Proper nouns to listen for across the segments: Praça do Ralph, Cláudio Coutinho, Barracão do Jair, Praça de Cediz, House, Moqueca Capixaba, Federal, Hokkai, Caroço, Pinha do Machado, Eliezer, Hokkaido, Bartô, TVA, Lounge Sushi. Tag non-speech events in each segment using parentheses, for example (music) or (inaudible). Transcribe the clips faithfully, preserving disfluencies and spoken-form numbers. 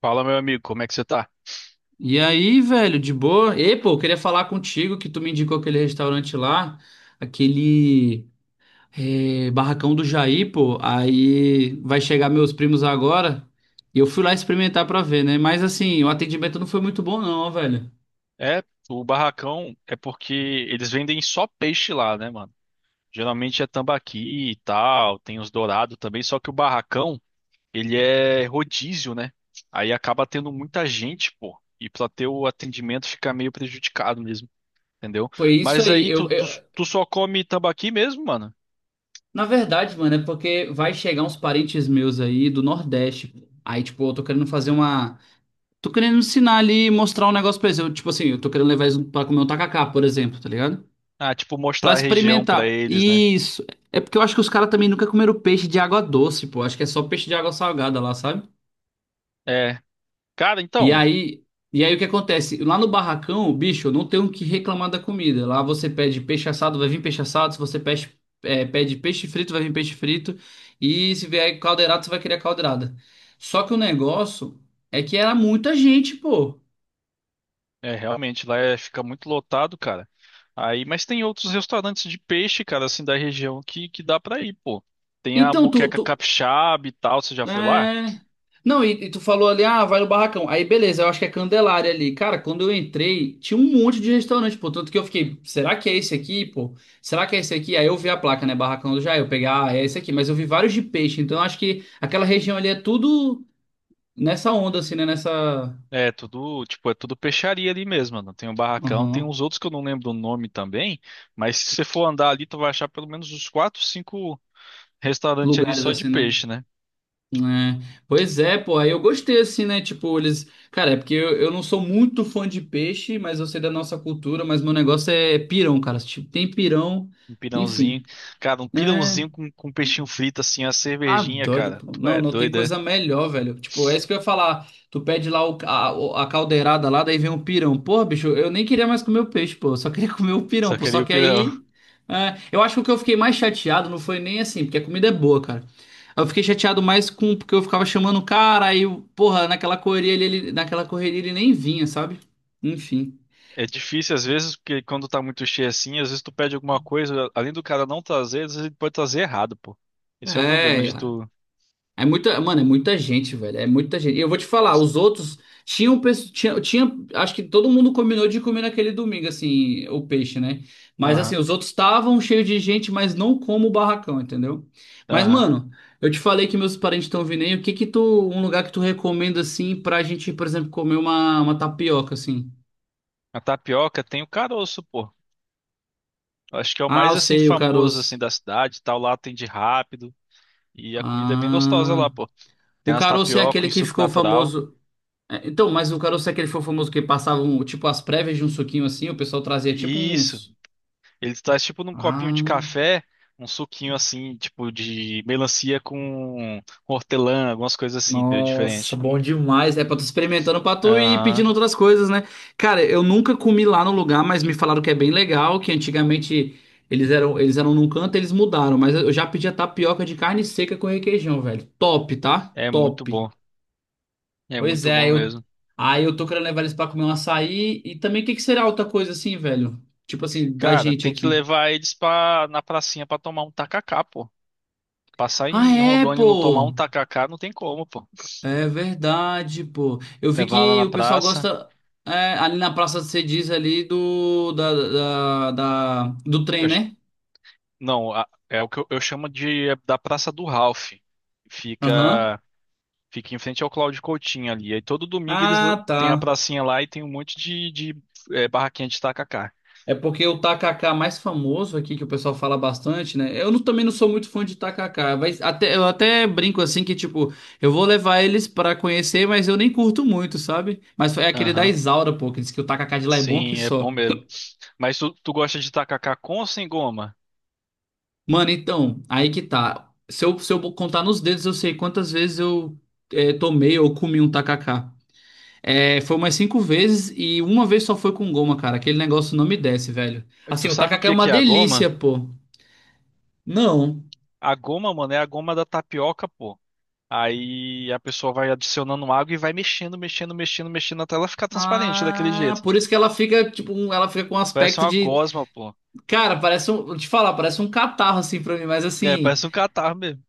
Fala, meu amigo, como é que você tá? E aí, velho, de boa? E, pô, eu queria falar contigo que tu me indicou aquele restaurante lá, aquele eh, barracão do Jair, pô. Aí vai chegar meus primos agora e eu fui lá experimentar pra ver, né? Mas assim, o atendimento não foi muito bom, não, velho. É, o barracão é porque eles vendem só peixe lá, né, mano? Geralmente é tambaqui e tal, tem os dourados também, só que o barracão ele é rodízio, né? Aí acaba tendo muita gente, pô. E pra ter o atendimento fica meio prejudicado mesmo, entendeu? Foi isso Mas aí. aí tu, Eu, tu, eu- tu só come tambaqui mesmo, mano? Na verdade, mano, é porque vai chegar uns parentes meus aí do Nordeste, pô. Aí, tipo, eu tô querendo fazer uma. Tô querendo ensinar ali, mostrar um negócio pra eles. Eu, tipo assim, eu tô querendo levar eles pra comer um tacacá, por exemplo, tá ligado? Ah, tipo, Pra mostrar a região pra experimentar. eles, né? Isso. É porque eu acho que os caras também nunca comeram peixe de água doce, pô. Acho que é só peixe de água salgada lá, sabe? É. Cara, E então, aí, e aí o que acontece? Lá no barracão, bicho, eu não tenho o que reclamar da comida. Lá você pede peixe assado, vai vir peixe assado. Se você pede, é, pede peixe frito, vai vir peixe frito. E se vier caldeirada, você vai querer a caldeirada. Só que o negócio é que era muita gente, pô. é realmente lá é- fica muito lotado, cara. Aí, mas tem outros restaurantes de peixe, cara, assim, da região que, que dá pra ir, pô. Tem a Então, tu, Moqueca tu- Capixaba e tal, você já foi lá? É. Não, e, e tu falou ali, ah, vai no barracão. Aí, beleza, eu acho que é Candelária ali. Cara, quando eu entrei, tinha um monte de restaurante, pô. Tanto que eu fiquei, será que é esse aqui, pô? Será que é esse aqui? Aí eu vi a placa, né? Barracão do Jair. Eu peguei, ah, é esse aqui. Mas eu vi vários de peixe. Então eu acho que aquela região ali é tudo nessa onda, assim, né? Nessa. É tudo, tipo, é tudo peixaria ali mesmo, mano. Tem o barracão, tem Aham. uns outros que eu não lembro o nome também, mas se você for andar ali, tu vai achar pelo menos uns quatro, cinco restaurantes ali Lugares só de assim, né? peixe, né? né? Pois é, pô, aí eu gostei assim, né? Tipo, eles. Cara, é porque eu, eu não sou muito fã de peixe, mas eu sei da nossa cultura, mas meu negócio é pirão, cara. Tipo, tem pirão, Um pirãozinho. enfim, Cara, um né? pirãozinho com, com peixinho frito, assim, a Ah, cervejinha, doido, cara. pô. Tu Não, é não tem doida, coisa é? melhor, velho. Tipo, é isso que eu ia falar. Tu pede lá o, a, o- a caldeirada lá, daí vem um pirão. Porra, bicho, eu nem queria mais comer o peixe, pô. Eu só queria (laughs) comer o pirão, Só pô. queria Só o que pirão. aí. É, eu acho que o que eu fiquei mais chateado não foi nem assim, porque a comida é boa, cara. Eu fiquei chateado mais com porque eu ficava chamando o cara, aí, o- porra, naquela correria ele, ele- naquela correria ele nem vinha, sabe? Enfim. É difícil às vezes, porque quando tá muito cheio assim, às vezes tu pede alguma coisa, além do cara não trazer, às vezes ele pode trazer errado, pô. Esse é o problema É. de tu. É muita, mano, é muita gente, velho. É muita gente. E eu vou te falar, os outros tinham, pes- tinha, tinha, acho que todo mundo combinou de comer naquele domingo, assim, o peixe, né? Mas Aham, assim, os outros estavam cheios de gente, mas não como o barracão, entendeu? Mas, aham. mano, eu te falei que meus parentes estão vindo aí. O que que tu, um lugar que tu recomenda, assim, pra gente, por exemplo, comer uma, uma tapioca, assim? A tapioca tem o caroço, pô. Eu acho que é o Ah, mais eu assim sei, o famoso assim caroço. da cidade, e tal, lá atende rápido e a comida é bem gostosa lá, Ah, pô. Tem o umas caroço é tapioca aquele em que suco ficou natural. famoso. É, então, mas o Caroço é aquele foi famoso que passavam, tipo, as prévias de um suquinho assim, o pessoal trazia tipo E isso. uns. Ele traz tipo num copinho de Ah, café, um suquinho assim, tipo de melancia com hortelã, algumas coisas assim, entendeu? nossa, Diferente. bom demais. É pra tu experimentando pra tu ir pedindo Aham. outras coisas, né? Cara, eu nunca comi lá no lugar, mas me falaram que é bem legal, que antigamente eles eram, eles eram num canto, eles mudaram, mas eu já pedi a tapioca de carne seca com requeijão, velho. Top, tá? É muito Top. bom. É Pois muito bom é, eu mesmo. aí eu tô querendo levar eles pra comer um açaí e também o que que será outra coisa assim, velho? Tipo assim, da Cara, gente tem que aqui. levar eles pra, na pracinha pra tomar um tacacá, pô. Passar Ah, em é, Rondônia e não tomar um pô. tacacá não tem como, pô. É verdade, pô. Eu vi Levar lá que na o pessoal praça. gosta é, ali na Praça de Cediz ali do da, da, da- do Eu- trem, né? Não, a- é o que eu, eu chamo de é da Praça do Ralph. Aham. Fica, fica em frente ao Cláudio Coutinho ali. Aí todo domingo eles l- Ah, têm a tá. pracinha lá e tem um monte de, de é, barraquinha de tacacá. É porque o tacacá mais famoso aqui que o pessoal fala bastante, né? Eu não- também não sou muito fã de tacacá, mas até eu até brinco assim que tipo, eu vou levar eles pra conhecer, mas eu nem curto muito, sabe? Mas é aquele da Aham. Isaura, pô, que diz que o tacacá de lá é bom que Sim, é bom só. mesmo. Mas tu, tu gosta de tacacá com ou sem goma? Mano, então, aí que tá. Se eu, se eu contar nos dedos, eu sei quantas vezes eu é, tomei ou comi um tacacá. É, foi umas cinco vezes e uma vez só foi com goma, cara. Aquele negócio não me desce, velho. Tu Assim, o sabe o tacacá é que uma que é a goma? delícia, pô. Não. A goma, mano, é a goma da tapioca, pô. Aí a pessoa vai adicionando água e vai mexendo, mexendo, mexendo, mexendo até ela ficar transparente daquele Ah, jeito. por isso que ela fica, tipo, um- ela fica com um Parece aspecto uma de. gosma, pô. Cara, parece um. Vou te falar, parece um catarro, assim, pra mim, mas É, assim. parece um catarro mesmo.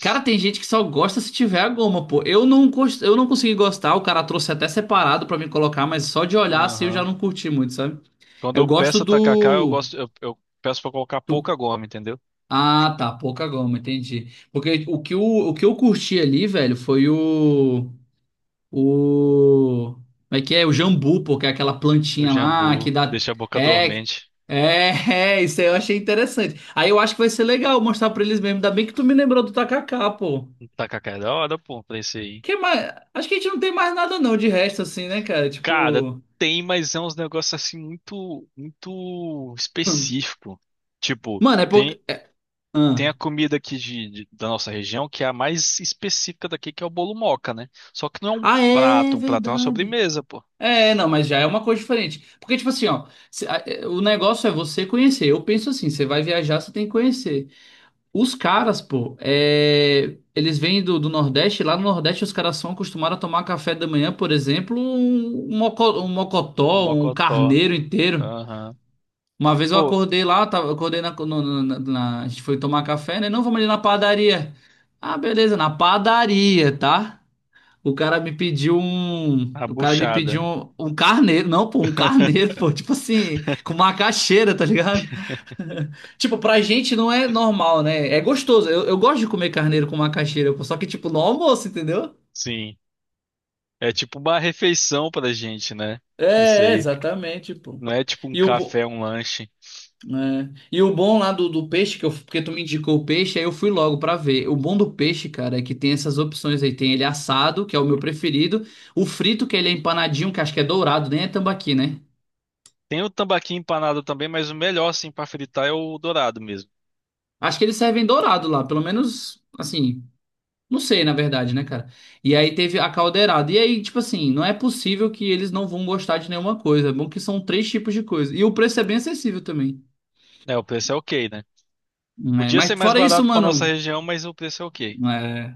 Cara, tem gente que só gosta se tiver a goma, pô. Eu não, cons- eu não consegui gostar, o cara trouxe até separado pra mim colocar, mas só de olhar assim eu já Aham. não curti muito, sabe? Quando Eu eu gosto peço tacacá, eu do, gosto, eu, eu peço pra colocar do... pouca goma, entendeu? Ah, tá, pouca goma, entendi. Porque o que, o, o que eu curti ali, velho, foi o. O. Como é que é? O jambu, pô, que é aquela O plantinha lá que jambu dá. deixa a boca É... dormente. É, (laughs) é, isso aí eu achei interessante. Aí eu acho que vai ser legal mostrar pra eles mesmo. Ainda bem que tu me lembrou do tacacá, pô. O Tacacá é da hora, pô, pra esse aí. Que mais? Acho que a gente não tem mais nada não de resto assim, né, cara? Cara, Tipo, tem, mas é uns negócios assim muito, muito específico. Tipo, mano, é pouco. tem, tem Ah. a comida aqui de, de- da nossa região que é a mais específica daqui, que é o bolo moca, né? Só que não é um Ah, é prato, um prato é uma verdade. sobremesa, pô. É, não, mas já é uma coisa diferente. Porque, tipo assim, ó, se- a- é, o negócio é você conhecer. Eu penso assim, você vai viajar, você tem que conhecer. Os caras, pô, é, eles vêm do, do Nordeste, lá no Nordeste os caras são acostumados a tomar café da manhã, por exemplo, um, um moco- um mocotó, um Mocotó. carneiro inteiro. Aham. Uma vez eu Pô, acordei lá, eu tava- eu acordei na, no- no- na- na- A gente foi tomar café, né? Não, vamos ali na padaria. Ah, beleza, na padaria, tá? O cara me pediu um. a O cara me buchada. pediu um, um carneiro. Não, pô, um carneiro, (laughs) pô. Tipo assim, com macaxeira, tá ligado? (laughs) Tipo, pra gente não é normal, né? É gostoso. Eu, eu gosto de comer carneiro com macaxeira, pô. Só que, tipo, no almoço, entendeu? Sim. É tipo uma refeição pra gente, né? É, Isso é, aí. exatamente, pô. Não é tipo um E o, café, bo- um lanche. É. E o bom lá do, do peixe, que eu, porque tu me indicou o peixe, aí eu fui logo pra ver. O bom do peixe, cara, é que tem essas opções aí. Tem ele assado, que é o meu preferido. O frito, que ele é empanadinho, que acho que é dourado, nem é tambaqui, né? Tem o tambaqui empanado também, mas o melhor, assim, pra fritar é o dourado mesmo. Acho que eles servem dourado lá, pelo menos, assim, não sei, na verdade, né, cara? E aí teve a caldeirada. E aí, tipo assim, não é possível que eles não vão gostar de nenhuma coisa. É bom que são três tipos de coisa. E o preço é bem acessível também. É, o preço é ok, né? É, Podia ser mas mais fora isso, barato pra nossa mano. região, mas o preço é ok. é,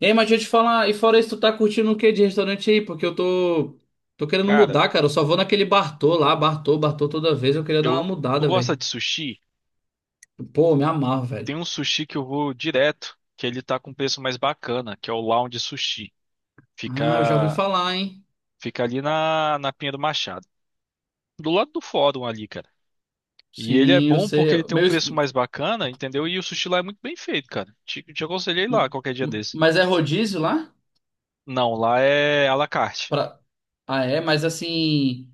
Ei, mas deixa eu te falar, e fora isso, tu tá curtindo o quê de restaurante aí? Porque eu tô. Tô querendo Cara, mudar, cara. Eu só vou naquele Bartô lá, Bartô, Bartô toda vez. Eu queria dar uma eu... Tu mudada, gosta velho. de sushi? Pô, me amarro, Tem velho. um sushi que eu vou direto, que ele tá com preço mais bacana, que é o Lounge Sushi. Ah, eu já ouvi Fica... falar, hein? Fica ali na, na Pinha do Machado. Do lado do fórum ali, cara. E ele é Sim, eu bom porque sei. ele tem um Meu... es- preço mais bacana, entendeu? E o sushi lá é muito bem feito, cara. Te, te aconselhei m- lá qualquer dia m- desse. Mas é rodízio lá? Não, lá é à la carte. Pra. Ah, é? Mas assim.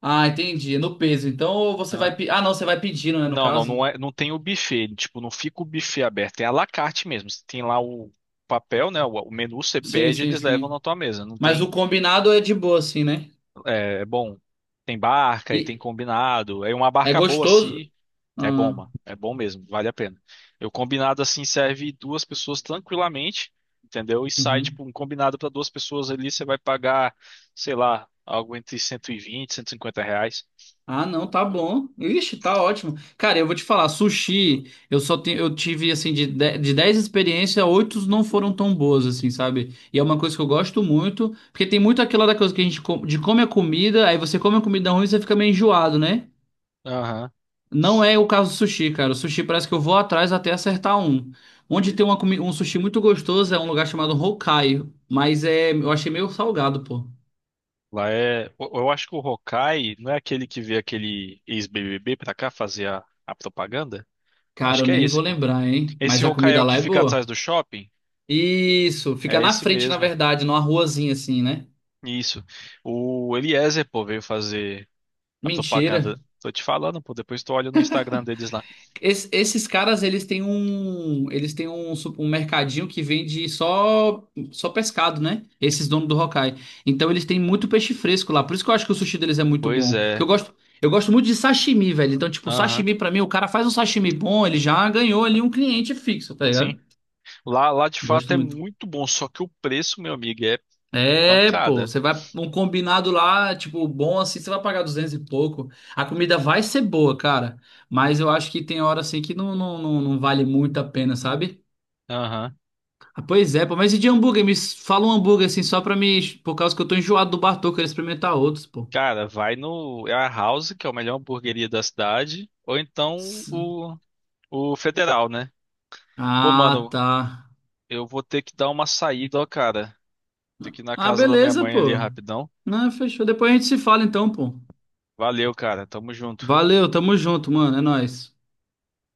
Ah, entendi. É no peso. Então ou você Ah, vai. pe- Ah, não, você vai pedindo, né? No não, não, caso. não é, não tem o buffet. Tipo, não fica o buffet aberto. É à la carte mesmo. Você tem lá o papel, né? O, o menu você Sim, pede, sim, eles levam na sim. tua mesa. Não Mas o tem, combinado é de boa, assim, né? é, é bom, tem barca e tem E combinado. É uma é barca boa gostoso. assim. É bom, Ah, mano. É bom mesmo, vale a pena. Eu combinado assim serve duas pessoas tranquilamente, entendeu? E sai uhum. tipo um combinado para duas pessoas ali, você vai pagar, sei lá, algo entre cento e vinte, cento e cinquenta reais. Ah, não, tá bom. Ixi, tá ótimo. Cara, eu vou te falar, sushi, eu só tenho, eu tive assim de de- de dez experiências, oito não foram tão boas assim, sabe? E é uma coisa que eu gosto muito, porque tem muito aquela da coisa que a gente com- de come a comida, aí você come a comida ruim e você fica meio enjoado, né? Aham. Não é o caso do sushi, cara. O sushi parece que eu vou atrás até acertar um. Onde tem uma comi- um sushi muito gostoso é um lugar chamado Hokkaido, mas é, eu achei meio salgado, pô. Lá é. Eu eu acho que o Hokkai não é aquele que vê aquele ex-B B B pra cá fazer a, a propaganda? Cara, Acho eu que é nem esse, vou pô. lembrar, hein? Mas Esse a Hokkai é comida o lá que é fica atrás boa. do shopping? Isso, fica É na esse frente, na mesmo. verdade, numa ruazinha assim, né? Isso. O Eliezer, pô, veio fazer a propaganda. Mentira. Tô te falando, pô. Depois tu olha no Instagram deles lá. Es- esses caras, eles têm um, eles têm um, su- um mercadinho que vende só só pescado, né? Esses donos do Hokkai. Então eles têm muito peixe fresco lá. Por isso que eu acho que o sushi deles é muito Pois bom. Porque eu é. gosto, eu gosto muito de sashimi, velho. Então, tipo, Aham. sashimi pra mim, o cara faz um sashimi bom, ele já ganhou ali um cliente fixo, tá Sim. ligado? Lá, lá de fato Gosto é muito. muito bom, só que o preço, meu amigo, é É, pô, pancada. você vai um combinado lá, tipo, bom assim, você vai pagar duzentos e pouco. A comida vai ser boa, cara, mas eu acho que tem hora assim que não, não, não, não vale muito a pena, sabe? Aham. Ah, pois é, pô, mas e de hambúrguer? Me s- fala um hambúrguer assim só pra mim, por causa que eu tô enjoado do Bartô, eu quero experimentar outros, pô. Cara, vai no é a House, que é a melhor hamburgueria da cidade, ou então S- o, o Federal, né? Pô, Ah, mano, tá. eu vou ter que dar uma saída, ó, cara. Tem que ir na Ah, casa da minha beleza, mãe ali pô. rapidão. Não, fechou. Depois a gente se fala então, pô. Valeu, cara. Tamo junto. Valeu, tamo junto, mano, é nóis.